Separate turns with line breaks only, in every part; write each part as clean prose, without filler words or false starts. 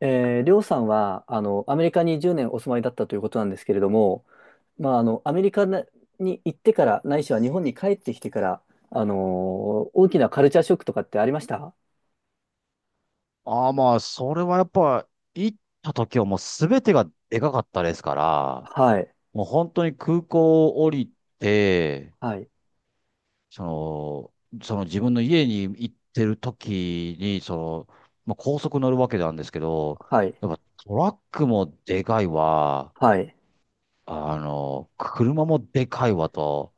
りょうさんは、アメリカに10年お住まいだったということなんですけれども、まあ、アメリカなに行ってから、ないしは日本に帰ってきてから、あの大きなカルチャーショックとかってありました？
ああ、まあ、それはやっぱ、行った時はもう全てがでかかったですから、
はい、
もう本当に空港を降りて、
はい、
その自分の家に行ってる時に、その、まあ、高速乗るわけなんですけど、
はい、
やっぱトラックもでかいわ、
はい。
あの、車もでかいわと、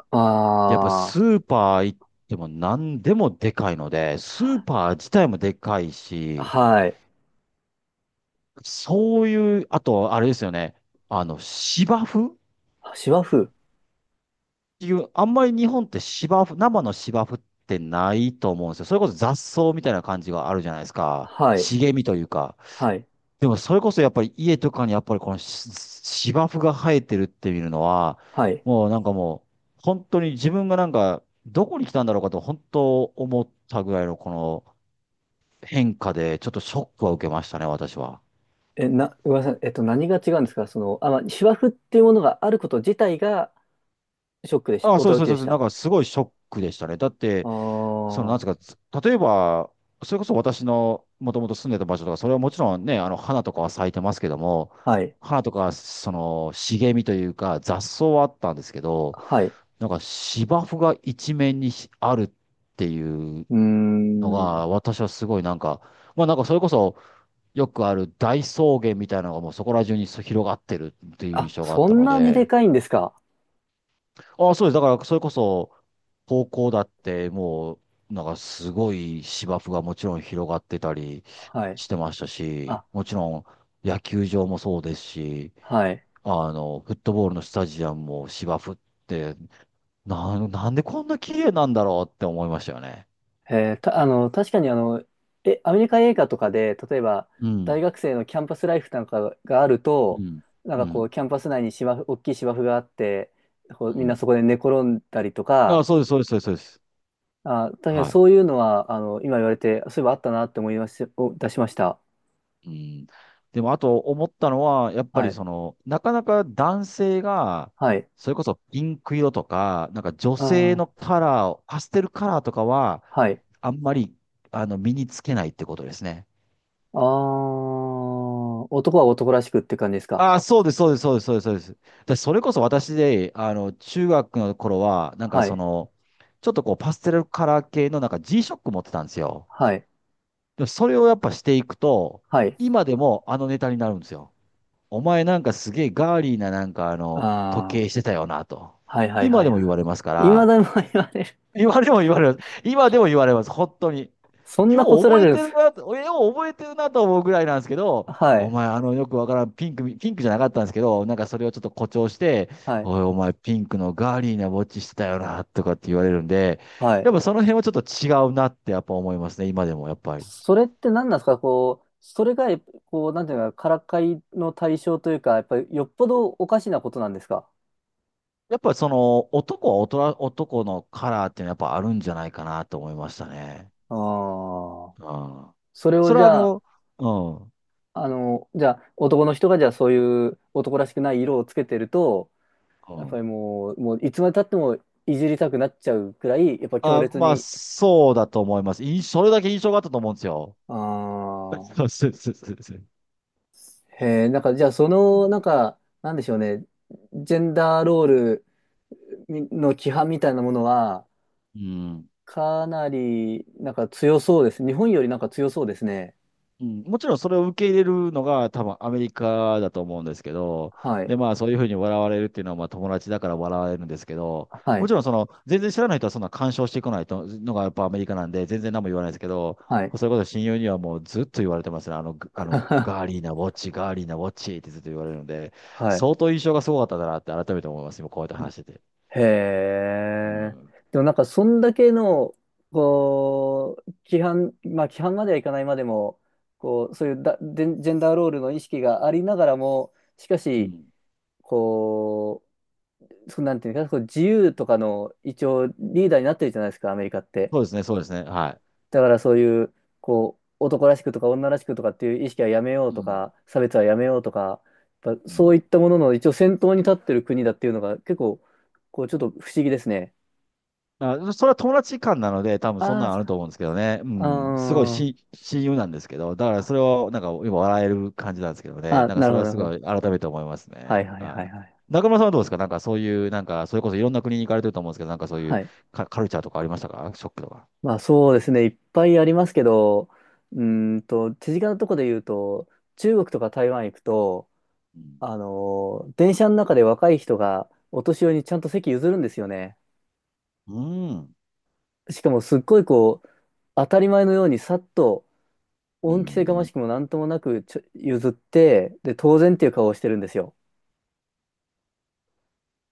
でやっぱス
あ
ーパー行っても何でもでかいので、スーパー自体もでかい
あ、
し、
はい。
そういう、あと、あれですよね。あの、芝生っ
シワ生。
ていう、あんまり日本って芝生、生の芝生ってないと思うんですよ。それこそ雑草みたいな感じがあるじゃないですか。
はい、
茂みというか。
はい、
でも、それこそやっぱり家とかにやっぱりこの芝生が生えてるって見るのは、
はい。
もうなんかもう、本当に自分がなんか、どこに来たんだろうかと、本当思ったぐらいのこの変化で、ちょっとショックは受けましたね、私は。
ごめんなさい。何が違うんですか？まあ、シワ生っていうものがあること自体がショックでした。
あ、そうです
驚
そうです
き
そ
で
うで
し
す。なん
た。
かすごいショックでしたね。だっ
あ
て、その、
あ、
なん
は
ですか、例えば、それこそ私のもともと住んでた場所とか、それはもちろんね、あの、花とかは咲いてますけども、
い、
花とか、その、茂みというか、雑草はあったんですけど、
はい。
なんか芝生が一面にあるっていう
うー
の
ん。
が、私はすごいなんか、まあなんかそれこそ、よくある大草原みたいなのがもうそこら中に広がってるっていう
あ、
印象があっ
そ
た
ん
の
なにで
で、
かいんですか？
あ、そうです。だから、それこそ、高校だって、もう、なんかすごい芝生がもちろん広がってたり
はい。
してましたし、
あ、
もちろん野球場もそうですし、
はい。
あの、フットボールのスタジアムも芝生って、なんでこんな綺麗なんだろうって思いましたよね。
えーた、あの、確かにアメリカ映画とかで、例えば、
うん。
大学生のキャンパスライフなんかがある
う
と、
ん。
なんか
う
こ
ん。
う、キャンパス内に芝生、大きい芝生があって、こう
う
みんな
ん。
そこで寝転んだりと
あ、
か、
そうです、そうです、そうです。そうです
あ、確かに
はい。
そういうのは、今言われて、そういえばあったなって思いまし、お出しました。
うん。でも、あと思ったのは、やっぱ
は
り
い。
その、なかなか男性が、
はい。
それこそピンク色とか、なんか女
あ
性の
ー、
カラーを、パステルカラーとかは、
はい。
あんまり、あの、身につけないってことですね。
あー、男は男らしくって感じですか？
ああ、そうです、そうです、そうです、そうです。そうです。で、それこそ私で、あの、中学の頃は、なんか
は
そ
い。
の、ちょっとこう、パステルカラー系のなんか g ショック持ってたんですよ。
はい。
でも、それをやっぱしていくと、
はい。
今でもあのネタになるんですよ。お前なんかすげえガーリーななんかあの、時計
ああ、
してたよなと。
はいはい
今
は
で
い
も言
は
われますか
い。未
ら、
だに言われる。
今でも言われます。今でも言われます。本当に。
そんな
よ
こ
う
すら
覚え
れるんで
てる
す。
なと、よう覚えてるなと思うぐらいなんですけど、
は
お
い、
前あのよくわからんピンク、ピンクじゃなかったんですけど、なんかそれをちょっと誇張して、
はい、
おいお前ピンクのガーリーなウォッチしてたよなとかって言われるんで、
は
やっ
い。
ぱその辺はちょっと違うなってやっぱ思いますね、今でもやっぱり。
それって何なんですか？こう、それが、こう、なんていうか、からかいの対象というか、やっぱりよっぽどおかしなことなんですか？
やっぱその男は大人、男のカラーっていうのはやっぱあるんじゃないかなと思いましたね。
ああ。
ああ。
それを
それ
じ
はあ
ゃあ、
の、うん、
男の人がじゃあそういう男らしくない色をつけてると、
う
やっぱ
ん。
りもう、もういつまで経ってもいじりたくなっちゃうくらい、やっぱ強
あ、
烈
まあ、
に。
そうだと思います。それだけ印象があったと思うんですよ。
あ
そ
あ。
うそうそうそう。
へえ、なんか、じゃあ、その、なんか、なんでしょうね、ジェンダーロールみの規範みたいなものは、
うん。
かなり、なんか強そうです。日本よりなんか強そうですね。
うん、もちろんそれを受け入れるのが多分アメリカだと思うんですけど、
はい。
で、まあそういうふうに笑われるっていうのはまあ友達だから笑われるんですけど、
は
も
い。
ちろんその全然知らない人はそんな干渉してこないとのがやっぱアメリカなんで全然何も言わないですけど、
はい。
そういうこと親友にはもうずっと言われてますね。あの、あのガー リーなウォッチ、ガーリーなウォッチってずっと言われるので、
はい。
相当印象がすごかったんだなって改めて思います。今こうやって話してて。
へ
う
え。
ん。
でもなんか、そんだけの、こう、規範、まあ、規範まではいかないまでも、こう、そういうだ、ジェンダーロールの意識がありながらも、しか
う
し、
ん。
こう、そうなんていうか、こう自由とかの一応リーダーになってるじゃないですか、アメリカって。
そうですね、そうですね。は
だからそういう、こう、男らしくとか女らしくとかっていう意識はやめよう
い。う
と
ん。
か、差別はやめようとか、やっぱ
う
そうい
ん
ったものの一応先頭に立ってる国だっていうのが結構、こう、ちょっと不思議ですね。
あ、それは友達間なので、多分そん
あ
な
あ、そ
の
っ
ある
か。
と思うんですけどね。うん。すごい
あ
し、親友なんですけど、だからそれをなんか今笑える感じなんですけど
あ、
ね。
あ
なんか
なる
そ
ほ
れ
ど、
は
なる
す
ほ
ご
ど。
い改めて思います
はい
ね。
はいはい
は
はい。
い。中村さんはどうですか、なんかそういう、なんかそれこそいろんな国に行かれてると思うんですけど、なんかそうい
は
う
い。
カルチャーとかありましたか、ショックとか？
まあそうですね、いっぱいありますけど、手近なとこで言うと、中国とか台湾行くと、
うん。
電車の中で若い人がお年寄りにちゃんと席譲るんですよね。
うん。
しかもすっごいこう、当たり前のようにさっと、
う
恩着せがま
ん
しくもなんともなく譲って、で、当然っていう顔をしてるんですよ。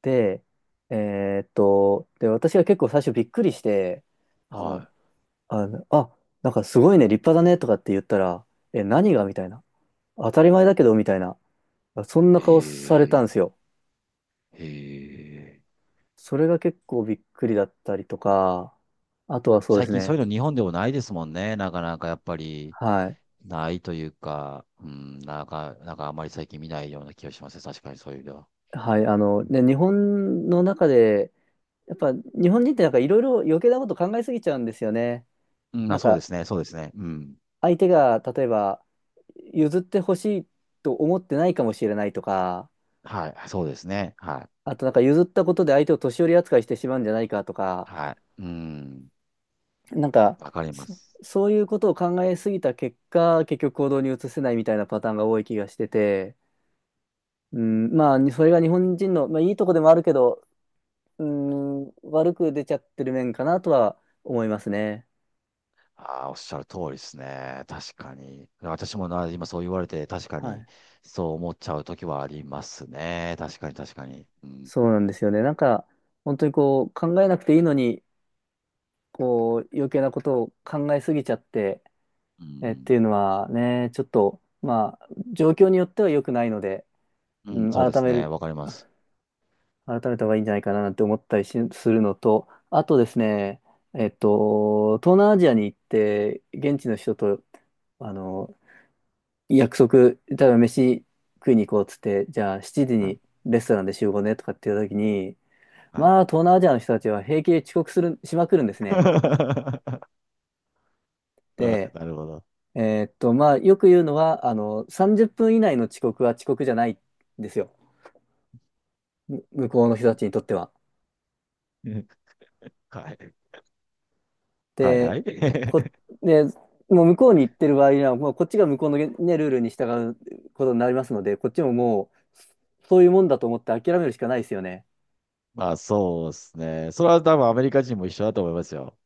で、私が結構最初びっくりして、あの、
は
あの、あ、なんかすごいね、立派だねとかって言ったら、え、何がみたいな。当たり前だけどみたいな。そんな
い。
顔され
へ
た
え。
んですよ。
へえ。
それが結構びっくりだったりとか、あとはそうで
最
す
近そう
ね。
いうの日本でもないですもんね。なかなかやっぱり。
はい。
ないというか、うん、なんか、なんかあまり最近見ないような気がしますね。確かにそういう意味では。
はい。ね、日本の中で、やっぱ日本人ってなんかいろいろ余計なこと考えすぎちゃうんですよね。
うん、あ、
なん
そうで
か
すね、そうですね。うん。
相手が例えば譲ってほしいと思ってないかもしれないとか、
はい、そうですね。はい。
あとなんか譲ったことで相手を年寄り扱いしてしまうんじゃないかとか、
はい。うん。
なんか
わかりま
そ、
す。
そういうことを考えすぎた結果、結局行動に移せないみたいなパターンが多い気がしてて、うん、まあ、にそれが日本人の、まあ、いいとこでもあるけど、うん、悪く出ちゃってる面かなとは思いますね。
ああ、おっしゃる通りですね。確かに。私もな、今そう言われて、確か
は
に、
い。
そう思っちゃう時はありますね。確かに、確かに。うん。
そうなんですよね。なんか、本当にこう、考えなくていいのに、こう、余計なことを考えすぎちゃって、
う
っ
ん。
ていうのはね、ちょっと、まあ、状況によっては良くないので、
う
う
ん、
ん、
そうですね。わかります。
改めた方がいいんじゃないかななんて思ったりしするのと、あとですね、東南アジアに行って、現地の人と、あの、約束、例えば飯食いに行こうっつって、じゃあ7時
はい。
にレストランで集合ねとかっていう時に、
はい。
まあ東南アジアの人たちは平気で遅刻する、しまくるんですね。
な
で、
るほど。
まあよく言うのは、30分以内の遅刻は遅刻じゃないんですよ。向こうの人たちにとっては。
はい。はい、は
で、こ、
い。
で、もう向こうに行ってる場合には、もうこっちが向こうの、ね、ルールに従うことになりますので、こっちももう、そういうもんだと思って諦めるしかないですよね。
まあそうですね。それは多分アメリカ人も一緒だと思いますよ。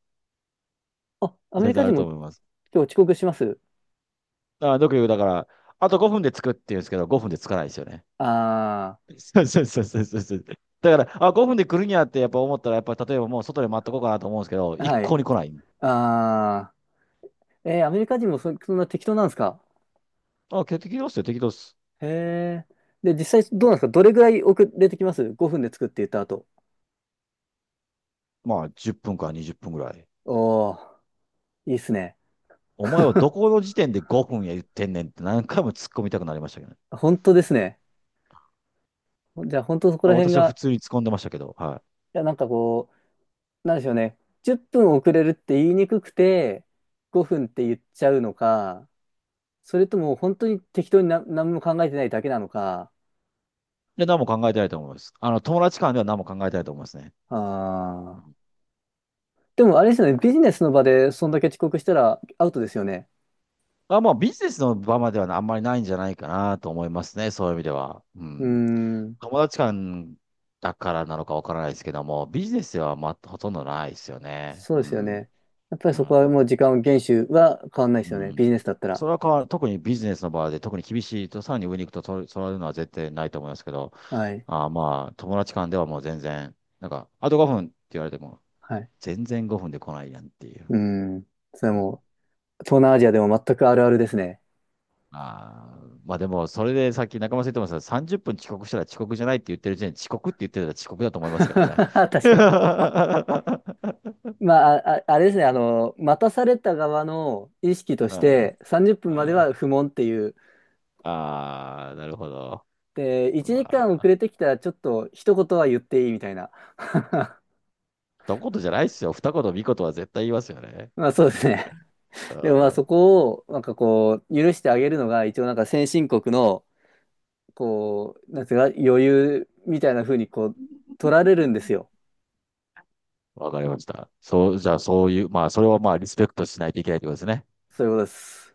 あ、アメ
全
リ
然
カ
あ
人
る
も
と思います。
今日遅刻します。
あ、よく言う、だから、あと5分で着くって言うんですけど、5分で着かないですよね。
あ
そうそうそうそうそうそう。だから、あ、5分で来るんやってやっぱ思ったら、やっぱ例えばもう外で待っとこうかなと思うんですけど、
あ、
一
はい。
向に来ない。
ああ、アメリカ人もそんな適当なんですか？
あ、適当っすよ、適当っす。
へえ。で、実際どうなんですか？どれぐらい遅れてきます？ 5 分で作って言った後？
まあ10分から20分ぐらい。
おお、いいっすね。
お前はど この時点で5分や言ってんねんって何回も突っ込みたくなりましたけどね。
本当ですね。じゃあ本当そこ
ま
ら
あ
辺
私は普
が、
通に突っ込んでましたけど、はい。
いや、なんかこう、なんでしょうね。10分遅れるって言いにくくて、5分って言っちゃうのか、それとも本当に適当にな何も考えてないだけなのか。
で、何も考えてないと思います。あの、友達間では何も考えてないと思いますね。
ああ。でもあれですよね。ビジネスの場でそんだけ遅刻したらアウトですよね。
あ、まあ、ビジネスの場まではあんまりないんじゃないかなと思いますね。そういう意味では。う
うー
ん。
ん。
友達間だからなのかわからないですけども、ビジネスでは、まあ、ほとんどないですよね。
そう
う
ですよ
ん。
ね。やっぱり
う
そこは
ん。
もう時間を厳守は変わんないで
う
すよね。ビジ
ん。
ネスだったら。
それは変わる、特にビジネスの場で、特に厳しいと、さらに上に行くと、そういうのは絶対ないと思いますけど、
はい。
あ、まあ、友達間ではもう全然、なんか、あと5分って言われても、
はい。
全然5分で来ないやんっていう。
うーん。それはもう、東南アジアでも全くあるあるですね。
ああ、まあでも、それでさっき中村さん言ってました30分遅刻したら遅刻じゃないって言ってる時点で遅刻って言ってたら遅刻だと思いますけどね。
確かに。
あ
まあ、あれですね。待たされた側の意識とし
あ、
て、30分までは不問っていう。
ああなるほど。
で、1
ま
時間遅
あ、
れてきたらちょっと一言は言っていいみたいな。
一言じゃないですよ。二言、三言は絶対言いますよね。
まあそうですね。でもまあそ
あ
こをなんかこう許してあげるのが一応なんか先進国のこう、なんていうか、余裕みたいな風にこう、取られるんですよ。
あ、わかりました。そう、じゃあそういう、まあそれをまあリスペクトしないといけないってことですね。
そういうことです。